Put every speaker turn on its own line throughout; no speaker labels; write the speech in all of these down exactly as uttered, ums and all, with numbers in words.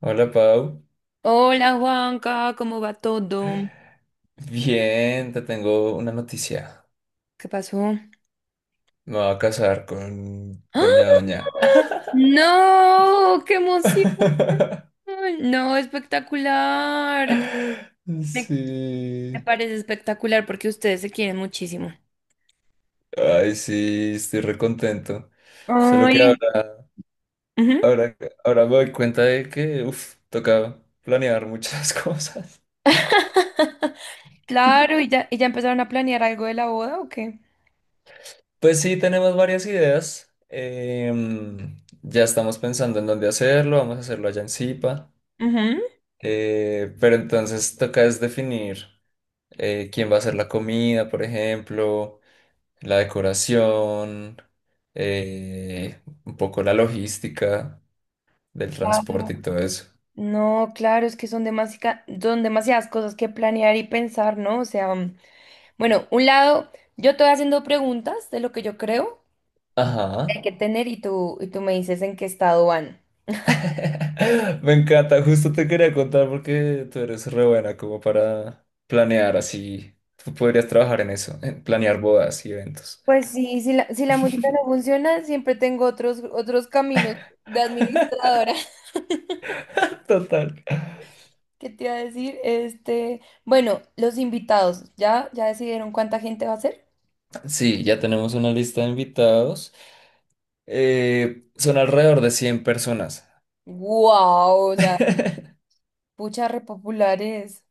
Hola Pau,
Hola Juanca, ¿cómo va todo?
bien, te tengo una noticia.
¿Qué pasó?
Me voy a casar con
¡Ah!
Doña Doña.
¡No! ¡Qué emoción! No, espectacular. Me, Me
Sí,
parece espectacular porque ustedes se quieren muchísimo.
ay, sí, estoy recontento. Solo que
Ay.
ahora,
Ujú.
ahora, ahora me doy cuenta de que, uff, toca planear muchas cosas.
Claro, ¿y ya, y ya empezaron a planear algo de la boda o qué?
Pues sí, tenemos varias ideas. Em, ya estamos pensando en dónde hacerlo, vamos a hacerlo allá en Zipa.
Ujú.
Eh, pero entonces toca es definir. Eh, quién va a hacer la comida, por ejemplo, la decoración, eh, un poco la logística del
Claro.
transporte y todo eso.
No, claro, es que son demasica- son demasiadas cosas que planear y pensar, ¿no? O sea. Bueno, un lado, yo te voy haciendo preguntas de lo que yo creo que hay
Ajá.
que tener y tú, y tú me dices en qué estado van.
Me encanta, justo te quería contar porque tú eres re buena como para planear así. Tú podrías trabajar en eso, en planear bodas y eventos.
Pues sí, si la, si la música no funciona, siempre tengo otros, otros caminos de administradora.
Total.
¿Qué te iba a decir? Este, bueno, los invitados, ¿ya, ya decidieron cuánta gente va a ser?
Sí, ya tenemos una lista de invitados. Eh, son alrededor de cien personas.
¡Wow! O sea, pucha, repopulares.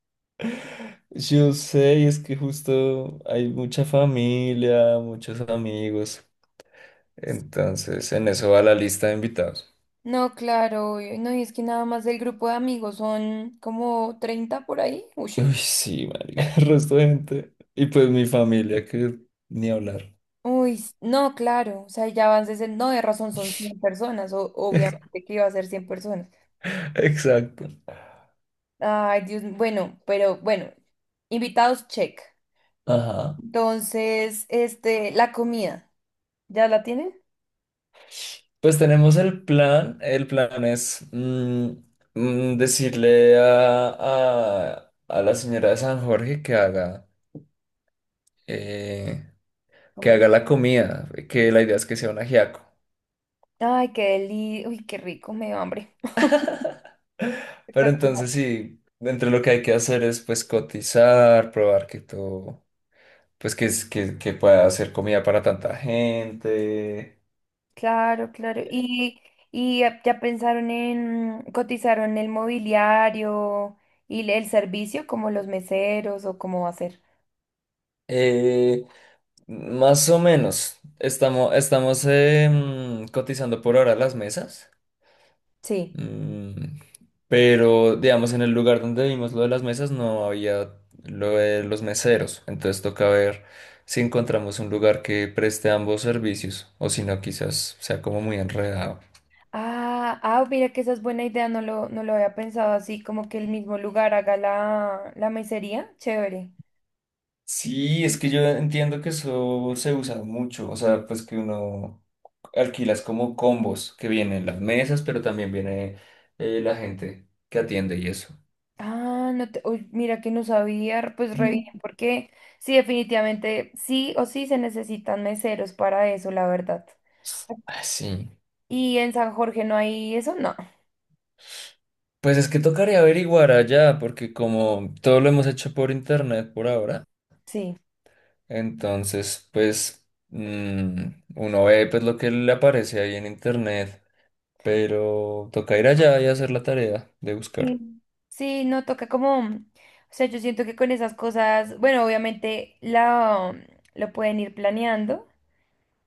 Yo sé, y es que justo hay mucha familia, muchos amigos. Entonces, en eso va la lista de invitados.
No, claro, y- no, y es que nada más del grupo de amigos son como treinta por ahí. Uy.
Uy, sí, marica, el resto de gente. Y pues mi familia, que ni hablar.
Uy, s- no, claro, o sea, ya van sesenta, no, de razón son cien personas, o, obviamente que iba a ser cien personas.
Exacto.
Ay, Dios, m- bueno, pero bueno, invitados, check.
Ajá.
Entonces, este, la comida, ¿ya la tienen?
Pues tenemos el plan. El plan es mm, mm, decirle a, a, a la señora de San Jorge que haga, eh, que
Como el-
haga la comida, que la idea es que sea un ajiaco.
Ay, qué deli, uy, qué rico, me dio hambre.
Pero
Espectacular.
entonces sí, entre lo que hay que hacer es pues cotizar, probar que todo, pues que, es- que, que pueda hacer comida para tanta gente.
Claro, claro. Y, y ya ya pensaron en, cotizaron el mobiliario y el servicio, como los meseros o cómo va a ser.
Eh, Más o menos, estamos, estamos em, cotizando por ahora las mesas.
Sí.
Mm, pero digamos en el lugar donde vimos lo de las mesas no había lo de los meseros. Entonces toca ver si encontramos un lugar que preste ambos servicios o si no quizás sea como muy enredado.
Ah, ah, mira que esa es buena idea, no lo, no lo había pensado así, como que el mismo lugar haga la, la mesería. Chévere.
Sí, es que yo entiendo que eso se usa mucho, o sea, pues que uno alquilas como combos, que vienen las mesas, pero también viene eh, la gente que atiende y eso.
Ah, no te, uy, mira que no sabía, pues re bien,
Mm.
porque sí, definitivamente, sí o sí se necesitan meseros para eso, la verdad.
Ah, sí.
Y en San Jorge no hay eso, no,
Pues es que tocaría averiguar allá, porque como todo lo hemos hecho por internet por ahora,
sí.
entonces pues mm, uno ve pues lo que le aparece ahí en internet, pero toca ir allá y hacer la tarea de buscar.
Sí. Sí, no toca como, o sea, yo siento que con esas cosas, bueno, obviamente la, lo pueden ir planeando,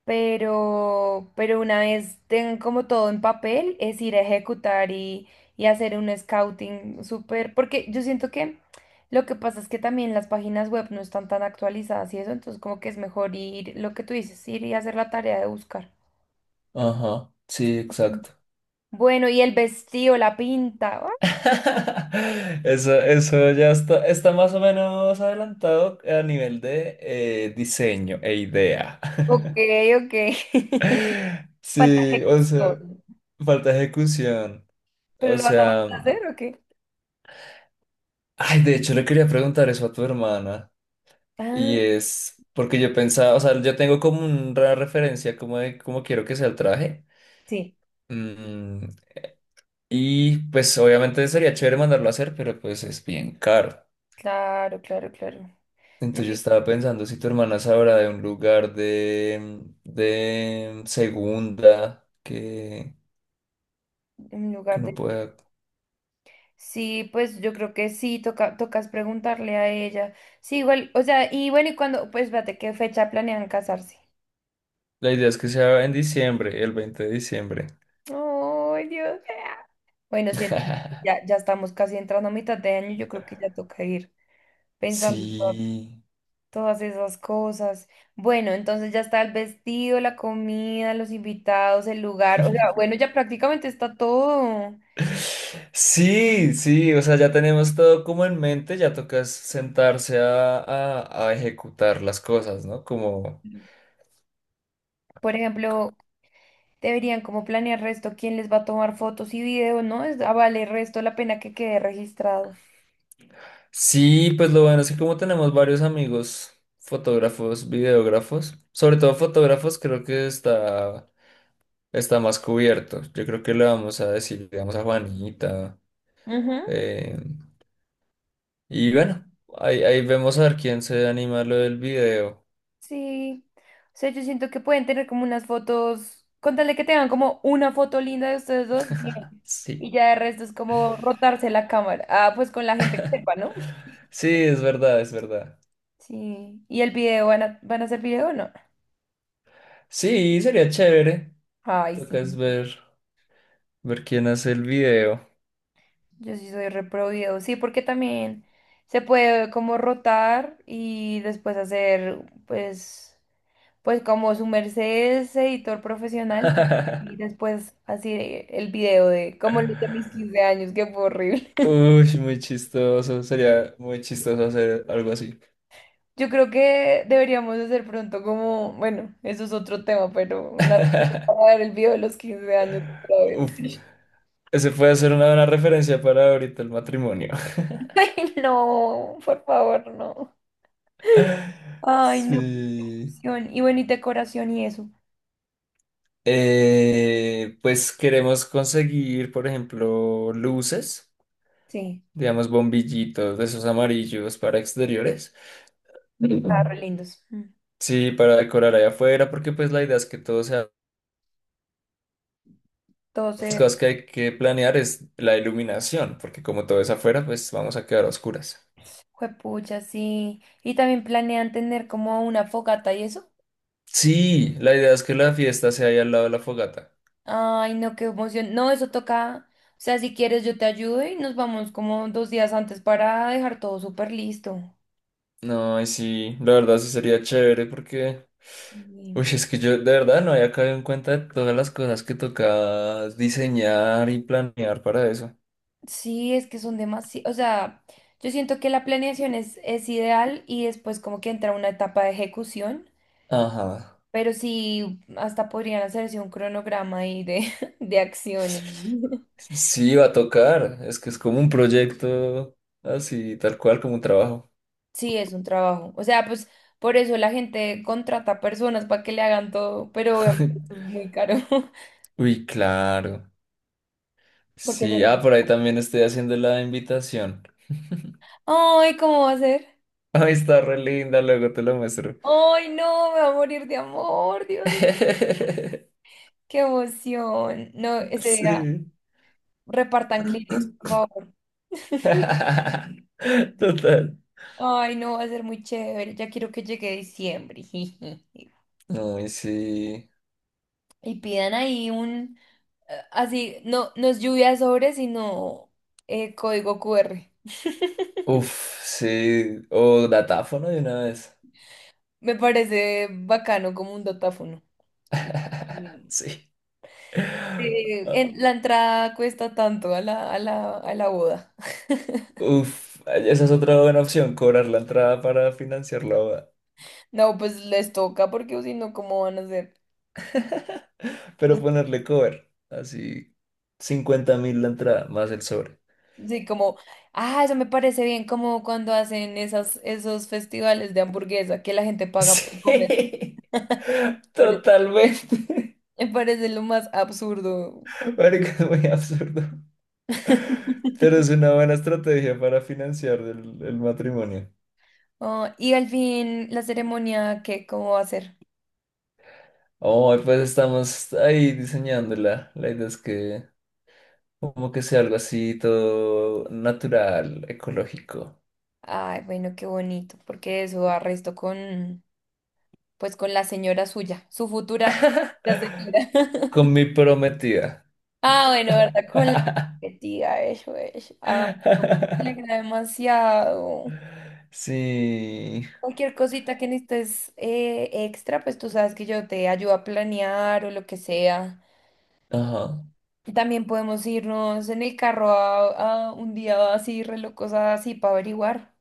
pero, pero una vez tengan como todo en papel, es ir a ejecutar y, y hacer un scouting súper, porque yo siento que lo que pasa es que también las páginas web no están tan actualizadas y eso, entonces como que es mejor ir, lo que tú dices, ir y hacer la tarea de buscar.
Ajá, sí, exacto.
Bueno, y el vestido, la pinta. Ah.
Eso, eso ya está, está más o menos adelantado a nivel de eh, diseño e idea.
Ok, ok. Falta
Sí, o sea,
ejecución.
falta ejecución.
¿Pero
O
lo vas a mandar
sea,
a hacer o qué?
ay, de hecho le quería preguntar eso a tu hermana. Y
Ah,
es porque yo pensaba, o sea, yo tengo como una referencia como de cómo quiero que sea el traje.
sí.
Mm, y pues obviamente sería chévere mandarlo a hacer, pero pues es bien caro.
Claro, claro, claro. No,
Entonces yo estaba pensando si tu hermana sabrá de un lugar de, de segunda que,
en
que
lugar de...
no pueda.
Sí, pues yo creo que sí, toca, tocas preguntarle a ella. Sí, igual, o sea, y bueno, y cuando, pues espérate, ¿qué fecha planean casarse?
La idea es que sea en diciembre, el veinte de diciembre.
Ay, Dios. Bueno, sí, ya, ya estamos casi entrando a mitad de año, yo creo que ya toca ir pensando en to-
Sí.
todas esas cosas. Bueno, entonces ya está el vestido, la comida, los invitados, el lugar, o sea, bueno, ya prácticamente está todo.
Sí, sí, o sea, ya tenemos todo como en mente, ya toca sentarse a, a, a ejecutar las cosas, ¿no? Como,
Por ejemplo, deberían como planear resto quién les va a tomar fotos y videos, ¿no? Es, ah, vale resto la pena que quede registrado.
sí, pues lo bueno es que como tenemos varios amigos, fotógrafos, videógrafos, sobre todo fotógrafos, creo que está está más cubierto. Yo creo que le vamos a decir, digamos, a Juanita.
Ujú.
eh, y bueno, ahí, ahí vemos a ver quién se anima a lo del video.
Sí. O sea, yo siento que pueden tener como unas fotos, contarle que tengan como una foto linda de ustedes dos, bien. Y
Sí,
ya de resto es como rotarse la cámara. Ah, pues con la gente que sepa, ¿no?
sí, es verdad, es verdad.
Sí. ¿Y el video? ¿Van a, van a hacer video o no?
Sí, sería chévere.
Ay, sí.
Toca es ver, ver quién hace el video.
Yo sí soy repro video. Sí, porque también se puede como rotar y después hacer, pues. Pues como su merced es editor profesional, sí, y después así eh, el video de como los de mis quince años, que fue horrible.
Uy, muy chistoso. Sería muy chistoso hacer algo así.
Yo creo que deberíamos hacer pronto como, bueno, eso es otro tema, pero una para ver el video de los quince años otra
Uf,
vez.
ese puede ser una buena referencia para ahorita el matrimonio.
Ay, no, por favor, no. Ay, no, qué.
Sí.
Y bueno, y decoración y eso.
Eh, pues queremos conseguir, por ejemplo, luces,
Sí,
digamos bombillitos de esos amarillos para exteriores.
está re
Mm.
lindos. Mm.
Sí, para decorar allá afuera, porque pues la idea es que todo sea... Las
Entonces,
cosas que hay que planear es la iluminación, porque como todo es afuera, pues vamos a quedar a oscuras.
juepucha, sí. Y también planean tener como una fogata y eso.
Sí, la idea es que la fiesta sea ahí al lado de la fogata.
Ay, no, qué emoción. No, eso toca. O sea, si quieres, yo te ayudo y nos vamos como dos días antes para dejar todo súper listo.
No, y sí, la verdad sí sería chévere porque... Uy,
Sí.
es que yo de verdad no había caído en cuenta de todas las cosas que toca diseñar y planear para eso.
Sí, es que son demasiado. O sea, yo siento que la planeación es, es ideal y después como que entra una etapa de ejecución,
Ajá.
pero sí, hasta podrían hacerse un cronograma ahí de, de acción. Y.
Sí, va a tocar. Es que es como un proyecto así, tal cual, como un trabajo.
Sí, es un trabajo. O sea, pues por eso la gente contrata personas para que le hagan todo, pero obviamente es muy caro.
Uy, claro.
Porque
Sí, ah, por ahí también estoy haciendo la invitación.
ay, ¿cómo va a ser?
Ay, está re linda, luego te lo muestro.
Ay, no, me va a morir de amor, Dios mío. Qué emoción. No, ese día
Sí.
repartan Kleenex, por favor.
Total.
Ay, no, va a ser muy chévere. Ya quiero que llegue diciembre.
No y sí.
Y pidan ahí un, eh, así, no, no es lluvia de sobre, sino eh, código Q R.
Uf, sí. O datáfono de una vez.
Me parece bacano como un datáfono. Mm.
Sí.
Sí, en, la entrada cuesta tanto a la, a la, a la boda.
Uf, esa es otra buena opción, cobrar la entrada para financiar la boda.
No, pues les toca porque si no, ¿cómo van a hacer?
Pero ponerle cover, así cincuenta mil la entrada, más el sobre.
Sí, como, ah, eso me parece bien, como cuando hacen esas, esos festivales de hamburguesa que la gente paga por comer.
Sí,
Pare-
totalmente.
Me parece lo más absurdo.
Marica, es muy absurdo. Pero es una buena estrategia para financiar el, el matrimonio.
Oh, y al fin, la ceremonia, ¿qué, cómo va a ser?
Oh, pues estamos ahí diseñándola. La idea es que como que sea algo así todo natural, ecológico.
Ay, bueno, qué bonito, porque eso arresto con, pues, con la señora suya, su futura la señora.
Con mi prometida.
Ah, bueno, ¿verdad? Con la tía, eso es. Ah, me alegra demasiado.
Sí.
Cualquier cosita que necesites eh, extra, pues tú sabes que yo te ayudo a planear o lo que sea.
Ajá.
También podemos irnos en el carro a, a un día así, re locos así, para averiguar.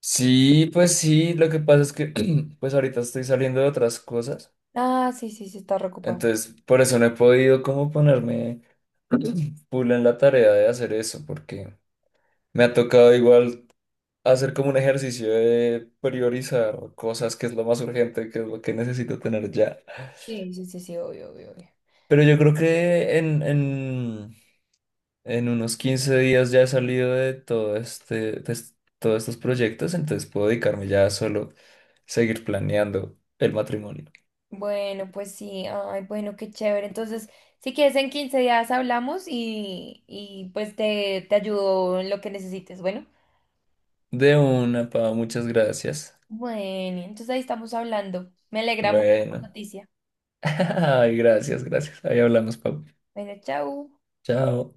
Sí, pues sí, lo que pasa es que pues ahorita estoy saliendo de otras cosas.
Ah, sí, sí, sí, está reocupado.
Entonces, por eso no he podido como ponerme full en la tarea de hacer eso, porque me ha tocado igual hacer como un ejercicio de priorizar cosas que es lo más urgente, que es lo que necesito tener ya.
Sí, sí, sí, sí, obvio, obvio, obvio.
Pero yo creo que en, en, en unos quince días ya he salido de todo este, de es- todos estos proyectos, entonces puedo dedicarme ya a solo seguir planeando el matrimonio.
Bueno, pues sí, ay, bueno, qué chévere. Entonces, si quieres, en quince días hablamos y, y pues te, te ayudo en lo que necesites. Bueno,
De una, Pau, muchas gracias.
bueno, entonces ahí estamos hablando. Me alegra mucho la
Bueno.
noticia.
Ay, gracias, gracias. Ahí hablamos, Pau.
Bueno, chao.
Chao.